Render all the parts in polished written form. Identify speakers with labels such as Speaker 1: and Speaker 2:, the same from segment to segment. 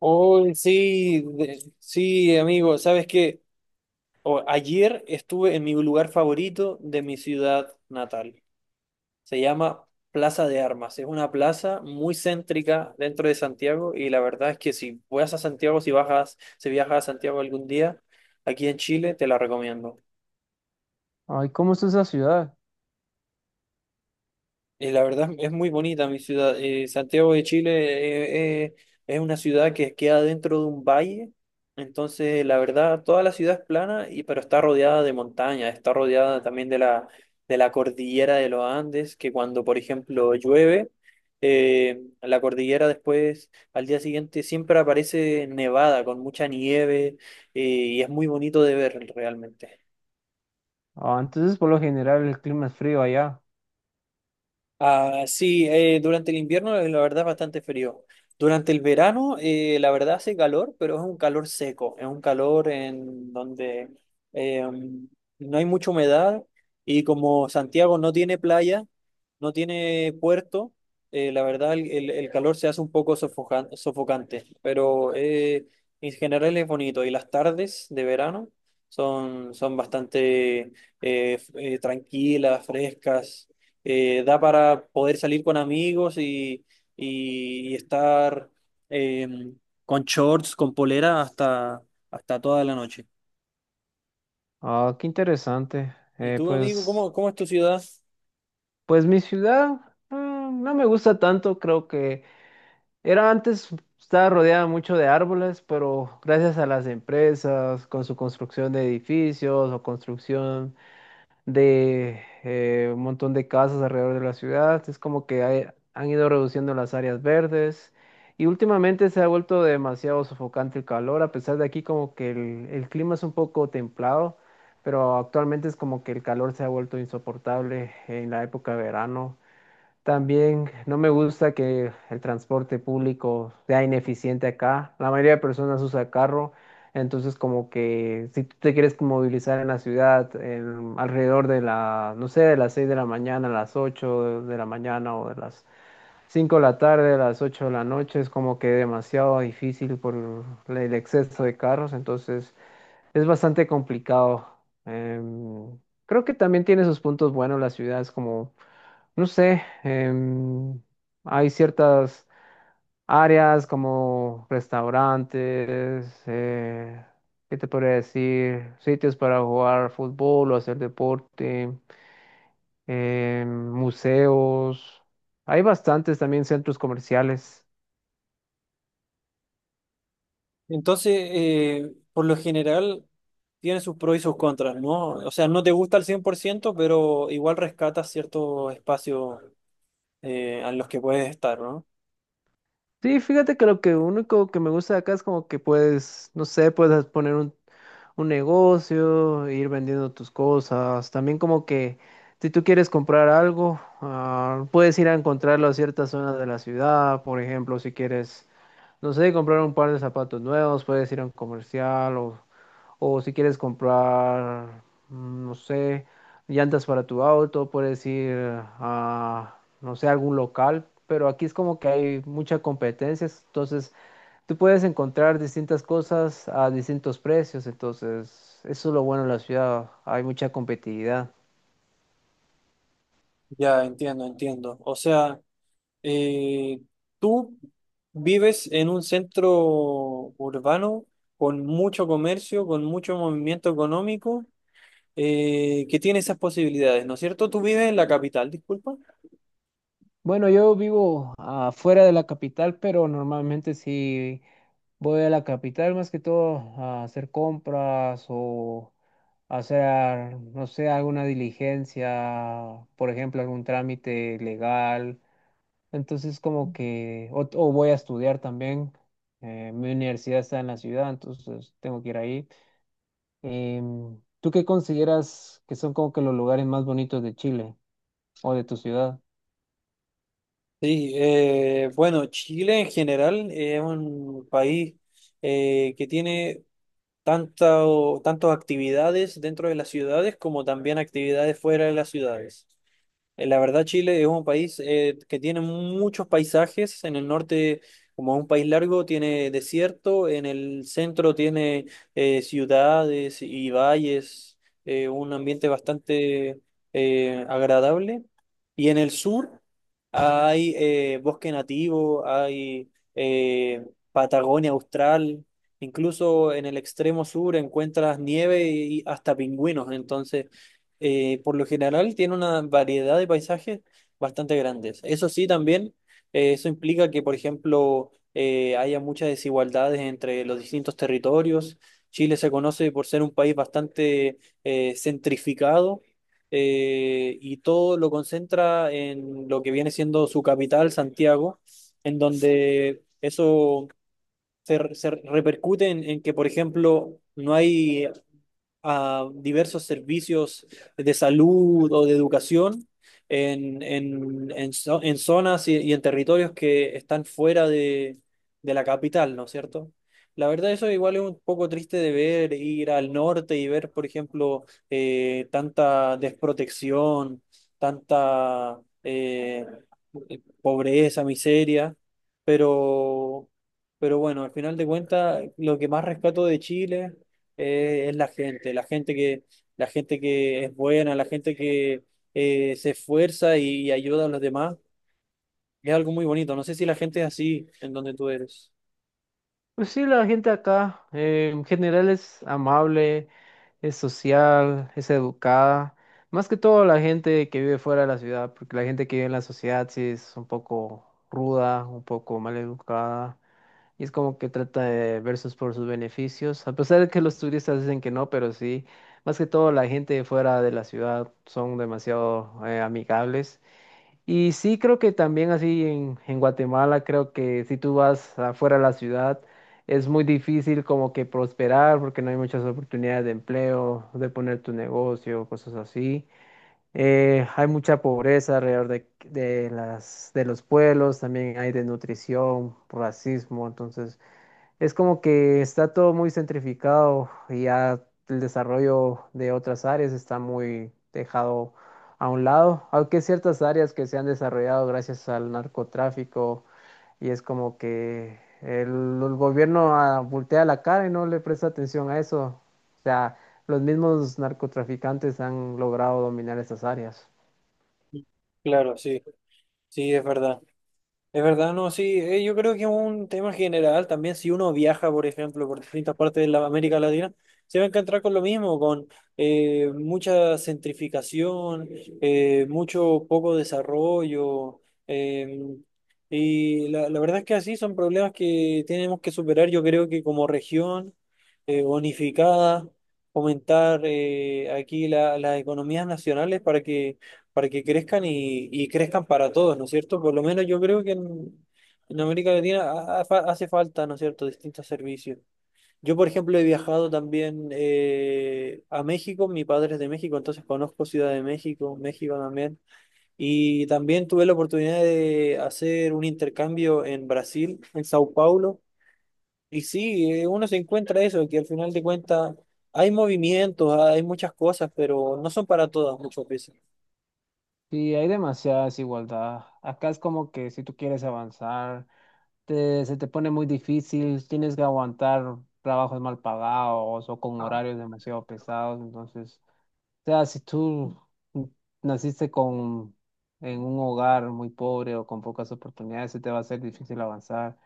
Speaker 1: Oh, sí, sí, amigo, ¿sabes qué? Oh, ayer estuve en mi lugar favorito de mi ciudad natal. Se llama Plaza de Armas. Es una plaza muy céntrica dentro de Santiago y la verdad es que si vas a Santiago, si bajas, si viajas a Santiago algún día, aquí en Chile, te la recomiendo.
Speaker 2: Ay, ¿cómo está esa ciudad?
Speaker 1: La verdad es muy bonita mi ciudad. Santiago de Chile eh, eh, es una ciudad que queda dentro de un valle. Entonces, la verdad, toda la ciudad es plana, y, pero está rodeada de montañas, está rodeada también de la cordillera de los Andes, que cuando, por ejemplo, llueve, la cordillera después, al día siguiente, siempre aparece nevada, con mucha nieve, y es muy bonito de ver realmente.
Speaker 2: Ah, entonces por lo general el clima es frío allá.
Speaker 1: Ah, sí, durante el invierno la verdad es bastante frío. Durante el verano la verdad hace calor, pero es un calor seco, es un calor en donde eh, no hay mucha humedad y como Santiago no tiene playa, no tiene puerto, la verdad el calor se hace un poco sofocante, pero en general es bonito y las tardes de verano son bastante tranquilas, frescas, da para poder salir con amigos y estar eh, con shorts, con polera hasta, hasta toda la noche.
Speaker 2: Ah, qué interesante.
Speaker 1: ¿Y
Speaker 2: Eh,
Speaker 1: tú, amigo,
Speaker 2: pues,
Speaker 1: cómo es tu ciudad?
Speaker 2: pues mi ciudad, no me gusta tanto. Creo que era antes, estaba rodeada mucho de árboles, pero gracias a las empresas, con su construcción de edificios o construcción de un montón de casas alrededor de la ciudad. Es como que han ido reduciendo las áreas verdes. Y últimamente se ha vuelto demasiado sofocante el calor, a pesar de aquí como que el clima es un poco templado, pero actualmente es como que el calor se ha vuelto insoportable en la época de verano. También no me gusta que el transporte público sea ineficiente acá. La mayoría de personas usa carro, entonces como que si tú te quieres movilizar en la ciudad alrededor de la, no sé, de las 6 de la mañana a las 8 de la mañana o de las 5 de la tarde a las 8 de la noche, es como que demasiado difícil por el exceso de carros, entonces es bastante complicado. Em, Creo que también tiene sus puntos buenos la ciudad, es como no sé, hay ciertas áreas como restaurantes. ¿Qué te podría decir? Sitios para jugar fútbol o hacer deporte, museos. Hay bastantes también centros comerciales.
Speaker 1: Entonces, por lo general, tiene sus pros y sus contras, ¿no? O sea, no te gusta al 100% pero igual rescatas ciertos espacios en los que puedes estar, ¿no?
Speaker 2: Sí, fíjate que lo que único que me gusta de acá es como que puedes, no sé, puedes poner un negocio, ir vendiendo tus cosas. También como que si tú quieres comprar algo, puedes ir a encontrarlo a ciertas zonas de la ciudad. Por ejemplo, si quieres, no sé, comprar un par de zapatos nuevos, puedes ir a un comercial, o si quieres comprar, no sé, llantas para tu auto, puedes ir a, no sé, algún local. Pero aquí es como que hay mucha competencia. Entonces, tú puedes encontrar distintas cosas a distintos precios. Entonces, eso es lo bueno de la ciudad. Hay mucha competitividad.
Speaker 1: Ya, entiendo, entiendo. O sea... Eh, ¿tú vives en un centro urbano con mucho comercio, con mucho movimiento económico, que tiene esas posibilidades, ¿no es cierto? ¿Tú vives en la capital, disculpa?
Speaker 2: Bueno, yo vivo afuera de la capital, pero normalmente sí voy a la capital más que todo a hacer compras o hacer, no sé, alguna diligencia, por ejemplo, algún trámite legal. Entonces, como que, o voy a estudiar también. Mi universidad está en la ciudad, entonces tengo que ir ahí. ¿Tú qué consideras que son como que los lugares más bonitos de Chile o de tu ciudad?
Speaker 1: Sí, bueno, Chile en general es un país que tiene tantas tantas actividades dentro de las ciudades como también actividades fuera de las ciudades. La verdad, Chile es un país que tiene muchos paisajes. En el norte, como es un país largo, tiene desierto. En el centro tiene ciudades y valles, un ambiente bastante agradable. Y en el sur hay bosque nativo, hay Patagonia austral. Incluso en el extremo sur encuentras nieve y hasta pingüinos. Entonces por lo general tiene una variedad de paisajes bastante grandes. Eso sí, también eso implica que, por ejemplo, haya muchas desigualdades entre los distintos territorios. Chile se conoce por ser un país bastante centrificado, y todo lo concentra en lo que viene siendo su capital, Santiago, en donde eso se repercute en que, por ejemplo, no hay a diversos servicios de salud o de educación en zonas y en territorios que están fuera de la capital, ¿no es cierto? La verdad, eso igual es un poco triste de ver, ir al norte y ver, por ejemplo, tanta desprotección, tanta pobreza, miseria, pero, pero bueno, al final de cuentas, lo que más rescato de Chile es la gente, la gente que es buena, la gente que se esfuerza y ayuda a los demás. Es algo muy bonito. No sé si la gente es así en donde tú eres.
Speaker 2: Pues sí, la gente acá en general es amable, es social, es educada. Más que todo la gente que vive fuera de la ciudad, porque la gente que vive en la sociedad sí es un poco ruda, un poco mal educada. Y es como que trata de versus por sus beneficios. A pesar de que los turistas dicen que no, pero sí, más que todo la gente fuera de la ciudad son demasiado amigables. Y sí, creo que también así en Guatemala, creo que si tú vas afuera de la ciudad, es muy difícil como que prosperar porque no hay muchas oportunidades de empleo, de poner tu negocio, cosas así. Hay mucha pobreza alrededor de los pueblos, también hay desnutrición, racismo, entonces... Es como que está todo muy centrificado y ya el desarrollo de otras áreas está muy dejado a un lado, aunque ciertas áreas que se han desarrollado gracias al narcotráfico. Y es como que el gobierno, voltea la cara y no le presta atención a eso. O sea, los mismos narcotraficantes han logrado dominar estas áreas.
Speaker 1: Claro, sí, sí, es verdad. Es verdad, no, sí, yo creo que es un tema general también, si uno viaja, por ejemplo, por distintas partes de la América Latina, se va a encontrar con lo mismo, con mucha centrificación, mucho poco desarrollo, la verdad es que así son problemas que tenemos que superar, yo creo que como región unificada, fomentar aquí las economías nacionales para que crezcan y crezcan para todos, ¿no es cierto? Por lo menos yo creo que en América Latina hace falta, ¿no es cierto?, distintos servicios. Yo, por ejemplo, he viajado también a México, mi padre es de México, entonces conozco Ciudad de México, México también, y también tuve la oportunidad de hacer un intercambio en Brasil, en Sao Paulo, y sí, uno se encuentra eso, que al final de cuentas hay movimientos, hay muchas cosas, pero no son para todas muchas veces.
Speaker 2: Sí, hay demasiada desigualdad. Acá es como que si tú quieres avanzar, se te pone muy difícil, tienes que aguantar trabajos mal pagados o con horarios demasiado pesados. Entonces, o sea, si tú naciste con, en un hogar muy pobre o con pocas oportunidades, se te va a hacer difícil avanzar.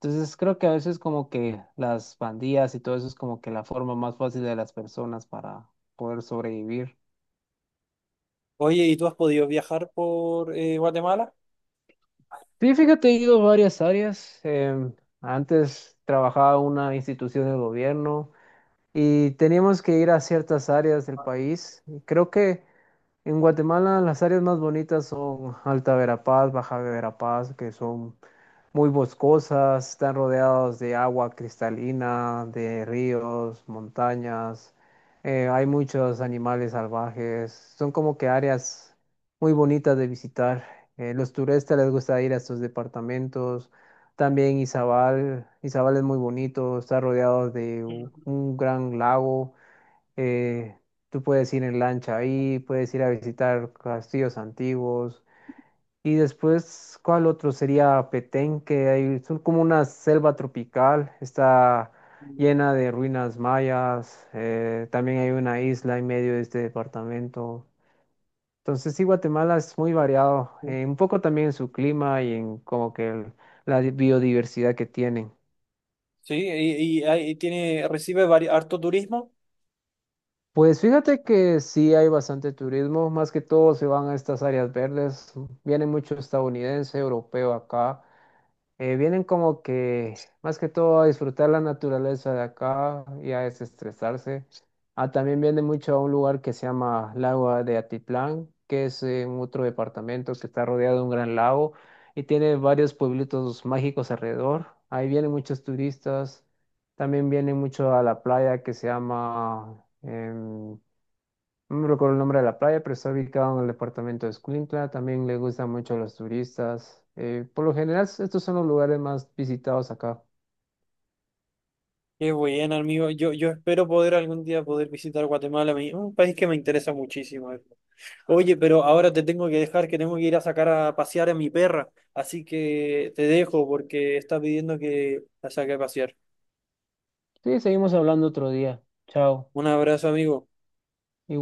Speaker 2: Entonces, creo que a veces como que las pandillas y todo eso es como que la forma más fácil de las personas para poder sobrevivir.
Speaker 1: Oye, ¿y tú has podido viajar por Guatemala?
Speaker 2: Sí, fíjate, he ido a varias áreas. Antes trabajaba en una institución del gobierno, y teníamos que ir a ciertas áreas del país. Y creo que en Guatemala las áreas más bonitas son Alta Verapaz, Baja Verapaz, que son muy boscosas, están rodeados de agua cristalina, de ríos, montañas. Hay muchos animales salvajes, son como que áreas muy bonitas de visitar. Los turistas les gusta ir a estos departamentos, también Izabal. Izabal es muy bonito, está rodeado de un gran lago. eh, Tú puedes ir en lancha ahí, puedes ir a visitar castillos antiguos. Y después, ¿cuál otro? Sería Petén, que hay, son como una selva tropical, está llena de ruinas mayas. También hay una isla en medio de este departamento. Entonces, sí, Guatemala es muy variado, un poco también en su clima y en como que la biodiversidad que tienen.
Speaker 1: Sí, y ahí tiene, recibe harto turismo.
Speaker 2: Pues fíjate que sí hay bastante turismo, más que todo se van a estas áreas verdes, vienen mucho estadounidense, europeo acá. Vienen como que más que todo a disfrutar la naturaleza de acá y a desestresarse. Ah, también viene mucho a un lugar que se llama Lago de Atitlán, que es en otro departamento que está rodeado de un gran lago y tiene varios pueblitos mágicos alrededor. Ahí vienen muchos turistas, también vienen mucho a la playa que se llama... no me recuerdo el nombre de la playa, pero está ubicado en el departamento de Escuintla. También le gusta mucho a los turistas. Por lo general, estos son los lugares más visitados acá.
Speaker 1: Qué bueno, amigo. Yo espero poder algún día poder visitar Guatemala, un país que me interesa muchísimo. Oye, pero ahora te tengo que dejar, que tengo que ir a sacar a pasear a mi perra. Así que te dejo porque está pidiendo que la saque a pasear.
Speaker 2: Sí, seguimos hablando otro día. Chao.
Speaker 1: Un abrazo, amigo.
Speaker 2: Igual.